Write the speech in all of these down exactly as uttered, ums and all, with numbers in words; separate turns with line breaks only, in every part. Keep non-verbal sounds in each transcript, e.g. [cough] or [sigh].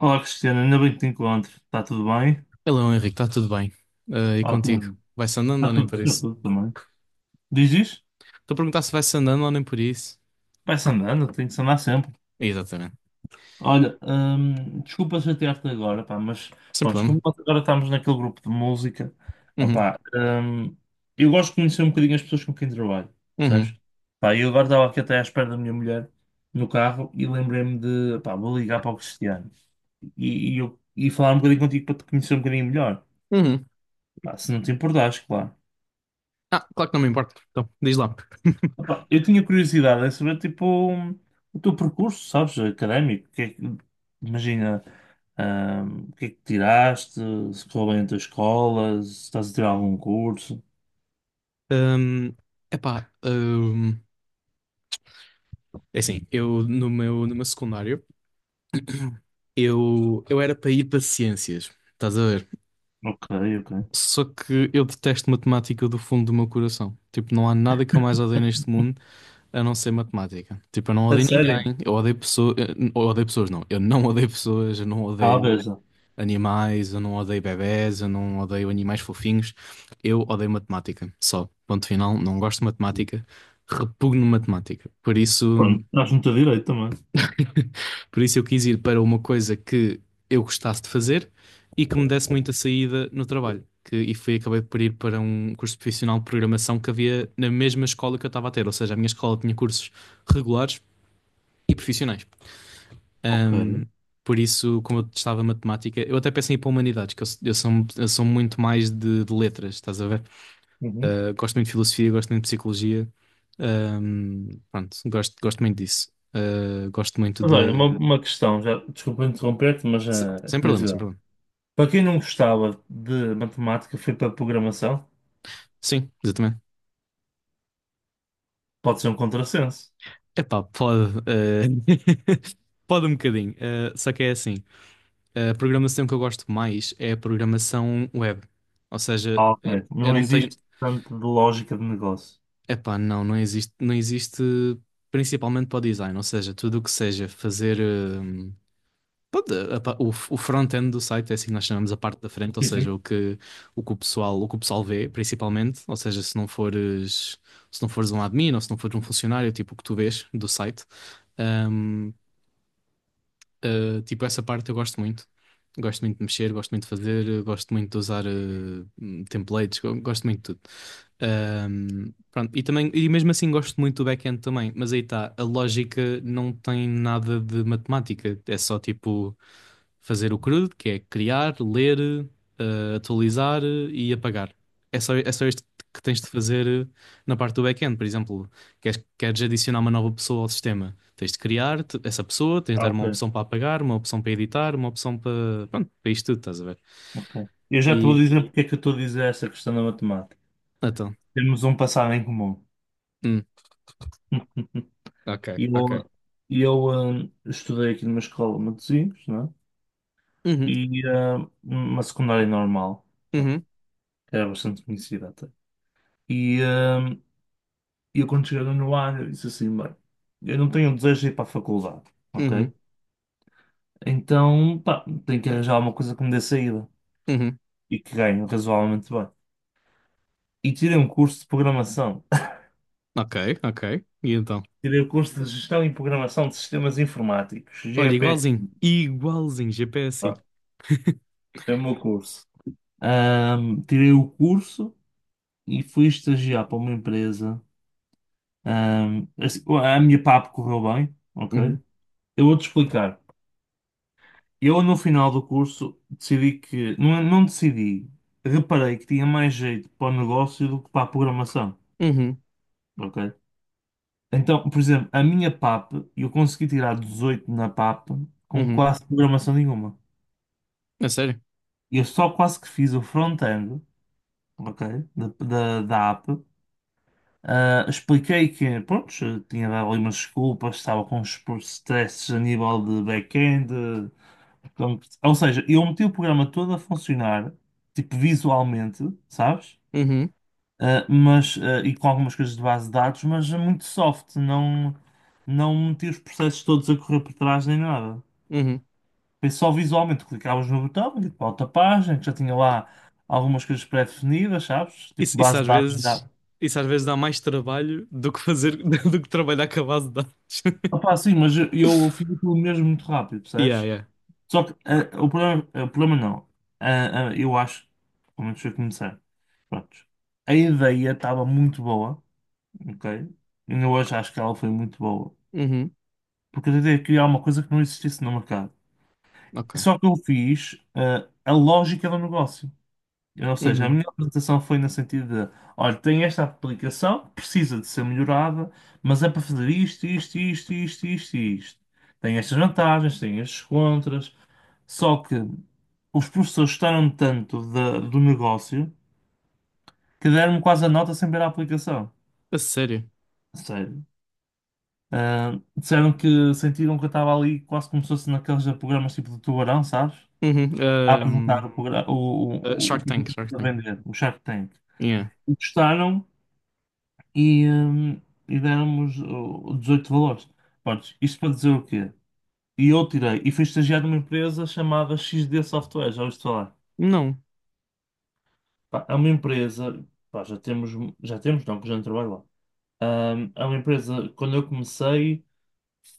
Olá, Cristiana, ainda bem que te encontro. Está tudo bem?
Hello, Henrique, está tudo bem? Ah, e contigo?
Ótimo.
Vai-se andando ou
Está
nem
tudo,
por
está
isso?
tudo também. Diz isso?
Estou a perguntar se vai-se andando ou nem por isso.
Vai-se andando, tem que se andar sempre.
Exatamente.
Olha, hum, desculpa chatear-te agora, pá, mas
Sem
pronto,
problema.
como nós agora estamos naquele grupo de música,
Uhum,
opá, hum, eu gosto de conhecer um bocadinho as pessoas com quem trabalho, percebes?
uhum,
Pá, eu agora estava aqui até à espera da minha mulher no carro e lembrei-me de, pá, vou ligar para o Cristiano e, e, eu- e falar um bocadinho contigo para te conhecer um bocadinho melhor.
uhum.
Pá, se não te importares, claro.
Ah, claro que não me importa. Então, diz lá.
Opa, eu tinha curiosidade em saber, tipo, o teu percurso, sabes, académico. O que é que- imagina, ahm, o que é que tiraste, se correu bem a tua escola, se estás a tirar algum curso.
Ahm, epá, ahm, é assim, eu no meu, no meu secundário, eu, eu era para ir para ciências, estás a ver?
Ok, ok.
Só que eu detesto matemática do fundo do meu coração. Tipo, não há nada que eu mais odeio neste mundo a não ser matemática. Tipo, eu não
A
odeio
sério?
ninguém, eu odeio pessoas, eu odeio pessoas não, eu não odeio pessoas, eu não odeio
Talvez.
animais, eu não odeio bebés, eu não odeio animais fofinhos, eu odeio matemática, só. Ponto final, não gosto de matemática, repugno matemática. Por isso,
Pronto, estás muito a direito também.
[laughs] por isso eu quis ir para uma coisa que eu gostasse de fazer e que me desse muita saída no trabalho. Que, e fui, acabei por ir para um curso profissional de programação que havia na mesma escola que eu estava a ter, ou seja, a minha escola tinha cursos regulares e profissionais.
Ok.
Ahm, por isso, como eu testava matemática, eu até pensei em ir para humanidades, que eu, eu sou, eu sou muito mais de, de letras, estás a ver?
Uhum.
Ah, gosto muito de filosofia, gosto muito de psicologia, ahm, pronto, gosto, gosto muito disso. Ah, gosto muito
Mas olha, uma,
de.
uma questão, já, desculpa interromper-te, mas
se-
eh, é
Sem problema, sem
curiosidade.
problema.
Para quem não gostava de matemática, foi para programação,
Sim, exatamente.
pode ser um contrassenso.
Epá, pode. Eh, [laughs] pode um bocadinho. eh, só que é assim: a programação que eu gosto mais é a programação web. Ou seja,
Ah, ok.
eu, eu
Não
não tenho.
existe tanto de lógica de negócio.
Epá, não, não existe, não existe principalmente para o design, ou seja, tudo o que seja fazer hum, pronto, a pa- o, o front-end do site é assim que nós chamamos a parte da frente, ou
Sim,
seja,
sim.
o que o que o pessoal, o que o pessoal vê, principalmente, ou seja, se não fores se não fores um admin ou se não fores um funcionário, tipo o que tu vês do site. Hum, Uh, tipo, essa parte eu gosto muito. Gosto muito de mexer, gosto muito de fazer, uh, gosto muito de usar uh, hum, templates, go- gosto muito de tudo. Um, pronto, e também, e mesmo assim gosto muito do back-end também, mas aí está, a lógica não tem nada de matemática, é só tipo fazer o crudo, que é criar, ler, uh, atualizar, uh, e apagar. É só, é só isto que tens de fazer, uh, na parte do back-end. Por exemplo, queres, queres adicionar uma nova pessoa ao sistema. Tens de criar te- essa pessoa, tens de
Ah,
dar
ok.
uma opção para apagar, uma opção para editar, uma opção para. Pronto, para isto tudo, estás a ver?
Ok. Eu já estou a
E.
dizer porque é que eu estou a dizer essa questão da matemática.
Então.
Temos um passado em comum.
Hum,
[laughs]
ok,
E
ok.
Eu, eu hum, estudei aqui numa escola de Matosinhos, não é?
Uhum,
E hum, uma secundária normal, bom,
uhum,
que era bastante conhecida até. E hum, eu quando cheguei no ar, eu disse assim, bem, eu não tenho desejo de ir para a faculdade,
uhum,
ok? Então, pá, tenho que arranjar alguma coisa que me dê saída
uhum.
e que ganhe razoavelmente bem. E tirei um curso de programação.
Ok, ok. E então?
Tirei o curso de Gestão e Programação de Sistemas Informáticos,
Olha, igualzinho.
G P S I.
Igualzinho, G P S.
É o meu curso. Ahm, tirei o curso e fui estagiar para uma empresa. Ahm, assim, a minha P A P correu bem, ok?
Uhum,
Eu vou-te explicar. Eu, no final do curso, decidi que. Não, não decidi. Reparei que tinha mais jeito para o negócio do que para a programação,
uhum,
ok? Então, por exemplo, a minha P A P, eu consegui tirar dezoito na P A P com
uhum.
quase programação nenhuma.
É sério?
Eu só quase que fiz o front-end, ok? Da, da, da app. Ah, expliquei que, pronto, tinha dado ali umas desculpas, estava com uns stresses a nível de back-end. então, Ou seja, eu meti o programa todo a funcionar, tipo visualmente, sabes?
Uhum,
Ah, mas, ah, e com algumas coisas de base de dados, mas muito soft, não, não meti os processos todos a correr por trás nem nada.
uhum.
Foi só visualmente, clicavas no botão, ia para outra página, que já tinha lá algumas coisas pré-definidas, sabes? Tipo
Isso, isso
base
às
de dados
vezes.
já.
Isso às vezes dá mais trabalho do que fazer. [laughs] do que trabalhar com a base de dados.
Opá, sim, mas eu, eu
[laughs]
fiz aquilo mesmo muito rápido,
Yeah,
percebes?
yeah.
Só que eh, o problema, eh, o problema não. Ah, ah, eu acho, pelo menos foi começar. Prontos. A ideia estava muito boa, ok? Ainda hoje acho que ela foi muito boa.
Uhum,
Porque eu tentei criar uma coisa que não existisse no mercado.
ok.
Só que eu fiz ah, a lógica do negócio. Ou seja, a
Uhum.
minha apresentação foi no sentido de, olha, tem esta aplicação, precisa de ser melhorada, mas é para fazer isto, isto, isto, isto, isto, e isto. Tem estas vantagens, tem estes contras, só que os professores gostaram tanto da- do negócio que deram-me quase a nota sem ver a aplicação.
A sério.
Sério. Ah, disseram que sentiram que eu estava ali quase como se fosse naqueles programas tipo do Tubarão, sabes?
Uhum.
A apresentar
Hum.
o, progra-
Uh,
o, o, o
Shark
que
Tank, Shark
eu a
Tank.
vender, o Shark Tank.
Yeah.
E gostaram e, hum, e deram-nos o- o dezoito valores. Pronto, isto para dizer o quê? E eu tirei, e fui estagiar numa empresa chamada X XD Software, já ouviste falar?
Não.
Pá, é uma empresa, pá, já temos, já temos, não, que já não trabalho lá. Hum, é uma empresa, quando eu comecei,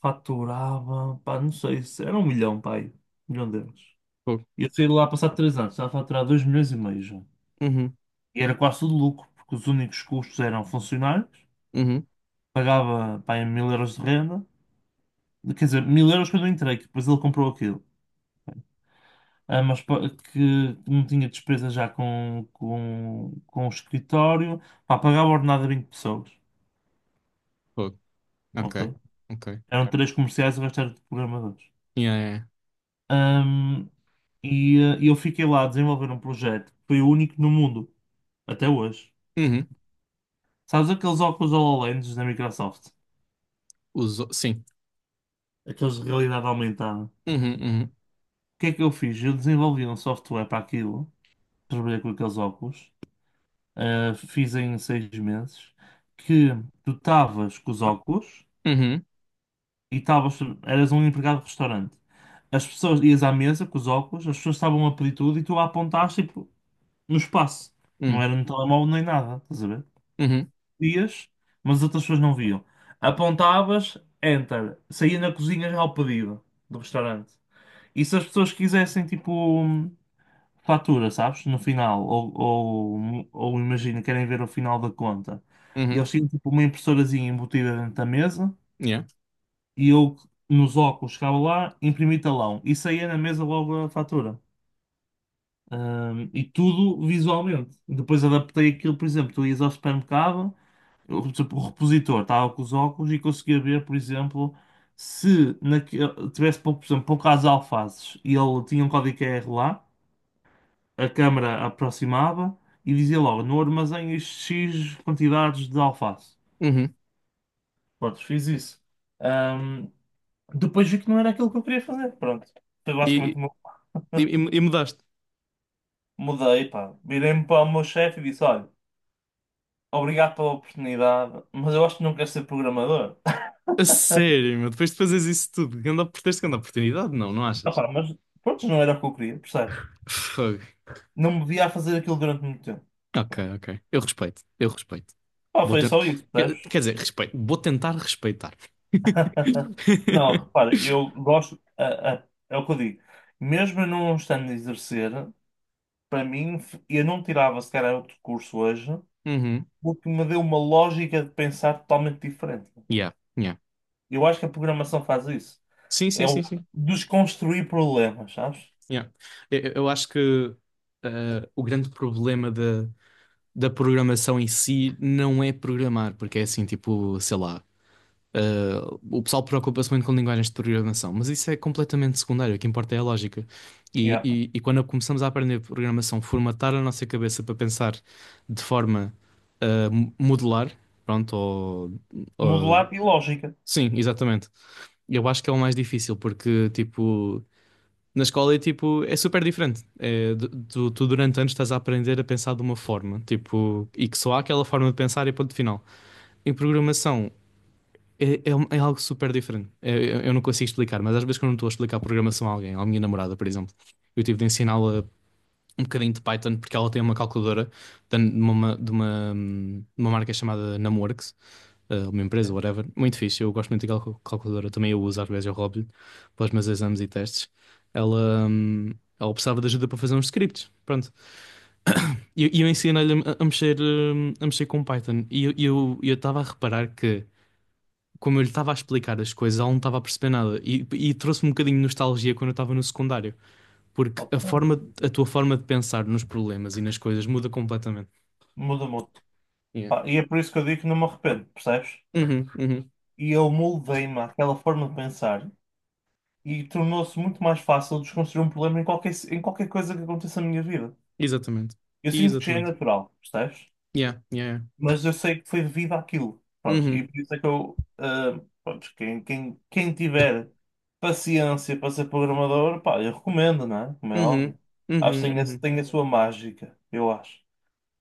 faturava, pá, não sei, se era um milhão, pá, aí, um milhão de euros.
Fogo.
E eu saí de lá passado três anos, estava a faturar dois milhões e meio já.
Uhum.
E era quase tudo lucro, porque os únicos custos eram funcionários,
Uhum.
pagava, pá, em mil euros de renda, quer dizer, mil euros quando eu entrei, que depois ele comprou aquilo. Ah, mas pa- que, que não tinha despesa já com, com, com o escritório. Pá, pagava ordenado a vinte pessoas.
Fogo. Ok.
Ok?
Ok.
Eram Ok. três comerciais, o resto era de programadores.
Yeah, yeah, yeah.
Ahm, e ah, e eu fiquei lá a desenvolver um projeto que foi o único no mundo, até hoje.
Uhum.
Sabes aqueles óculos HoloLens da Microsoft?
Usou. Sim.
Aqueles de realidade aumentada. O
Uhum. Uhum.
que é que eu fiz? Eu desenvolvi um software para aquilo, trabalhei com aqueles óculos. eh, fiz em seis meses, que tu estavas com os óculos
Uhum.
e estavas, eras um empregado de restaurante. As pessoas ias à mesa com os óculos, as pessoas estavam a pedir tudo e tu a apontaste tipo, no espaço. Não
Uhum.
era no telemóvel nem nada, estás a ver?
Uhum.
Ias, mas as outras pessoas não viam. Apontavas, enter, saía na cozinha já ao pedido do restaurante. E se as pessoas quisessem, tipo. Fatura, sabes? No final, ou, ou, ou imagina, querem ver o final da conta. E
Uhum.
eles tinham tipo uma impressorazinha embutida dentro da mesa
Yeah.
e eu, nos óculos, chegava lá, imprimi talão e saía na mesa logo a fatura. Ahm, e tudo visualmente. Depois adaptei aquilo, por exemplo, tu ias ao supermercado, eu, tipo, o repositor estava com os óculos e conseguia ver, por exemplo, se naquele, tivesse, por exemplo, poucas alfaces e ele tinha um código Q R lá. A câmara aproximava e dizia logo, no armazém isto X quantidades de alface.
Uhum.
Pronto, fiz isso. Ahm, depois vi que não era aquilo que eu queria fazer. Pronto. Foi
E,
basicamente como eu
e, e- e mudaste.
mudei, pá. Virei-me para o meu chefe e disse, olha, obrigado pela oportunidade, mas eu acho que não quero ser programador. [laughs]
A sério, meu. Depois de fazeres isso tudo, ganda, tens grande oportunidade? Não, não
Ah,
achas?
pá, mas pronto, não era o que eu queria, percebes?
Fogo.
Não me via a fazer aquilo durante muito tempo.
Ok, ok. Eu respeito. Eu respeito.
Pá,
Vou
foi
tentar.
só isso,
Quer,
percebes?
quer dizer, respeito. Vou tentar respeitar.
Não,
[laughs]
repara, eu gosto, a- a- é o que eu digo, mesmo eu não estando a exercer, para mim, f- eu não tirava se calhar outro curso hoje,
Uhum.
porque me deu uma lógica de pensar totalmente diferente.
Yeah. Yeah.
Eu acho que a programação faz isso,
Sim, sim,
é o
sim, sim.
desconstruir problemas, sabes?
Yeah. Eu, eu- acho que, eh, o grande problema da, da programação em si não é programar, porque é assim, tipo, sei lá, eh, o pessoal preocupa-se muito com linguagens de programação, mas isso é completamente secundário. O que importa é a lógica.
Yeah.
E, e, e quando começamos a aprender programação, formatar a nossa cabeça para pensar de forma, eh, mo- modular, pronto, ou, ou-
Modular e lógica.
sim, exatamente. Eu acho que é o mais difícil, porque, tipo. Na escola é tipo, é super diferente. É, du- tu, tu durante anos estás a aprender a pensar de uma forma, tipo, e que só há aquela forma de pensar e ponto final. Em programação é, é, um- é algo super diferente. É, eu, eu não consigo explicar, mas às vezes quando eu estou a explicar programação a alguém, à minha namorada, por exemplo, eu tive de ensiná-la um bocadinho de Python, porque ela tem uma calculadora de uma, de uma, de uma marca chamada Numworks. Eh, uma empresa,
Sim.
whatever. Muito fixe, eu gosto muito daquela cal- calculadora, também eu uso, às vezes eu roubo-lhe para os meus exames e testes. Ela, hum, ela precisava de ajuda para fazer uns scripts, pronto. E eu, e eu, ensinei-lhe a, a mexer, hum, a mexer com Python. E eu eu eu estava a reparar que, como eu lhe estava a explicar as coisas, ela não estava a perceber nada. E, e trouxe-me um bocadinho de nostalgia, quando eu estava no secundário. Porque
Ok,
a forma, a tua forma de pensar nos problemas e nas coisas muda completamente.
muda muito.
Yeah.
Pá, e é por isso que eu digo que não me arrependo, percebes?
Uhum, uhum.
E eu moldei-me àquela forma de pensar. E tornou-se muito mais fácil desconstruir um problema em qualquer, em qualquer coisa que aconteça na minha vida.
Exatamente.
Eu sinto que já é
Exatamente.
natural, percebes?
Yeah, yeah, yeah.
Mas eu sei que foi devido àquilo. Pronto, e
Uhum,
por isso é que eu, ah, pronto, quem, quem, quem tiver paciência para ser programador, pá, eu recomendo, não é? Como é
uhum,
óbvio. Acho que
uhum,
tem a,
uhum,
tem a sua mágica, eu acho.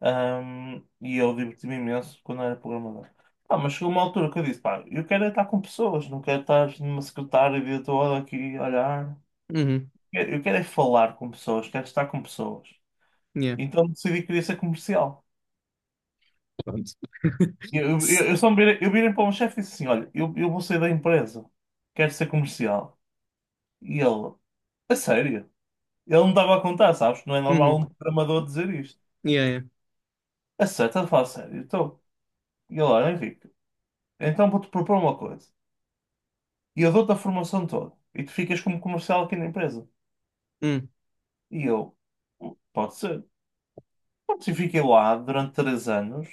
Ahm, e eu diverti-me imenso quando era programador. Ah, mas chegou uma altura que eu disse, pá, eu quero é estar com pessoas, não quero estar numa secretária o dia todo aqui a olhar.
uhum.
Eu quero é falar com pessoas, quero estar com pessoas.
Yeah.
Então decidi que queria ser comercial.
Pronto. [laughs]
Eu, eu,
S-
eu só me virei, eu virei para o meu chefe e disse assim: Olha, eu, eu vou sair da empresa, quero ser comercial. E ele, a sério? Ele não estava a contar, sabes? Não é normal
Uhum.
um programador dizer isto.
Yeah, yeah.
A sério, estás a falar a sério? Então, e ele, olha, Henrique, então vou-te propor uma coisa. E eu dou-te a formação toda. E tu ficas como comercial aqui na empresa.
Hum,
E eu, pode ser. Pronto, e fiquei lá durante três anos.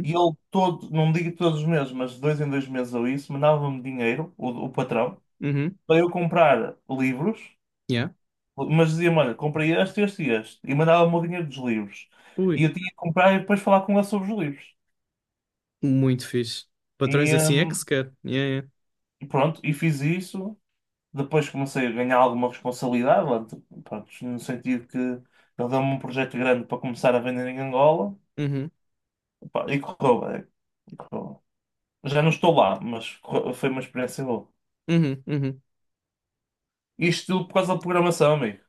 E ele todo, não digo todos os meses, mas de dois em dois meses ou isso, mandava-me dinheiro, o, o patrão,
uhum.
para eu comprar livros,
Yeah.
mas dizia-me, olha, comprei este, este e este, e mandava-me o dinheiro dos livros. E
Ui,
eu tinha que comprar e depois falar com ele sobre os livros.
muito fixe.
E
Patrões assim é que se
hum,
quer. Yeah, yeah.
e pronto, e fiz isso. Depois comecei a ganhar alguma responsabilidade, lá de- pronto, no sentido que ele deu-me um projeto grande para começar a vender em Angola,
Uhum,
pá, e correu bem. E correu bem. Já não estou lá, mas correu- foi uma experiência boa.
uhum, uhum.
Isto tudo por causa da programação, amigo.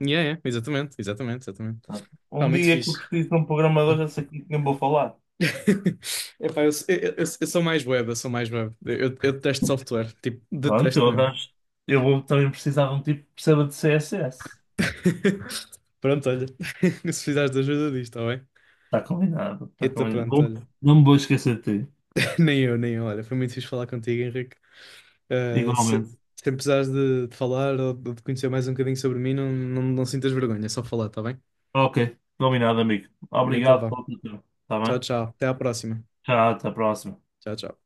Yeah, yeah. Exatamente, exatamente, exatamente. Pá,
Um
muito
dia que
fixe.
eu preciso de um programador, já sei com quem vou falar.
[laughs] Epá, eu, eu, eu- eu sou mais web, eu sou mais web. Eu, eu detesto software, tipo,
Pronto,
detesto
eu
mesmo.
arranjo. Eu vou também precisar de um tipo que perceba de C S S.
[laughs] Pronto, olha, [laughs] se precisares de ajuda disto, está bem?
Está combinado, está
Então,
combinado.
pronto,
Vou-
olha,
não me vou esquecer de ti,
[laughs] nem eu, nem eu, olha, foi muito fixe falar contigo, Henrique. Ah, se,
igualmente.
se precisares de, de falar ou de de conhecer mais um bocadinho sobre mim, não, não, não sintas vergonha, é só falar, está bem?
Ok, combinado, amigo.
Então,
Obrigado
vá,
pelo teu tempo. Está bem?
tchau, tchau, até à próxima.
Tchau, até a próxima.
Tchau, tchau.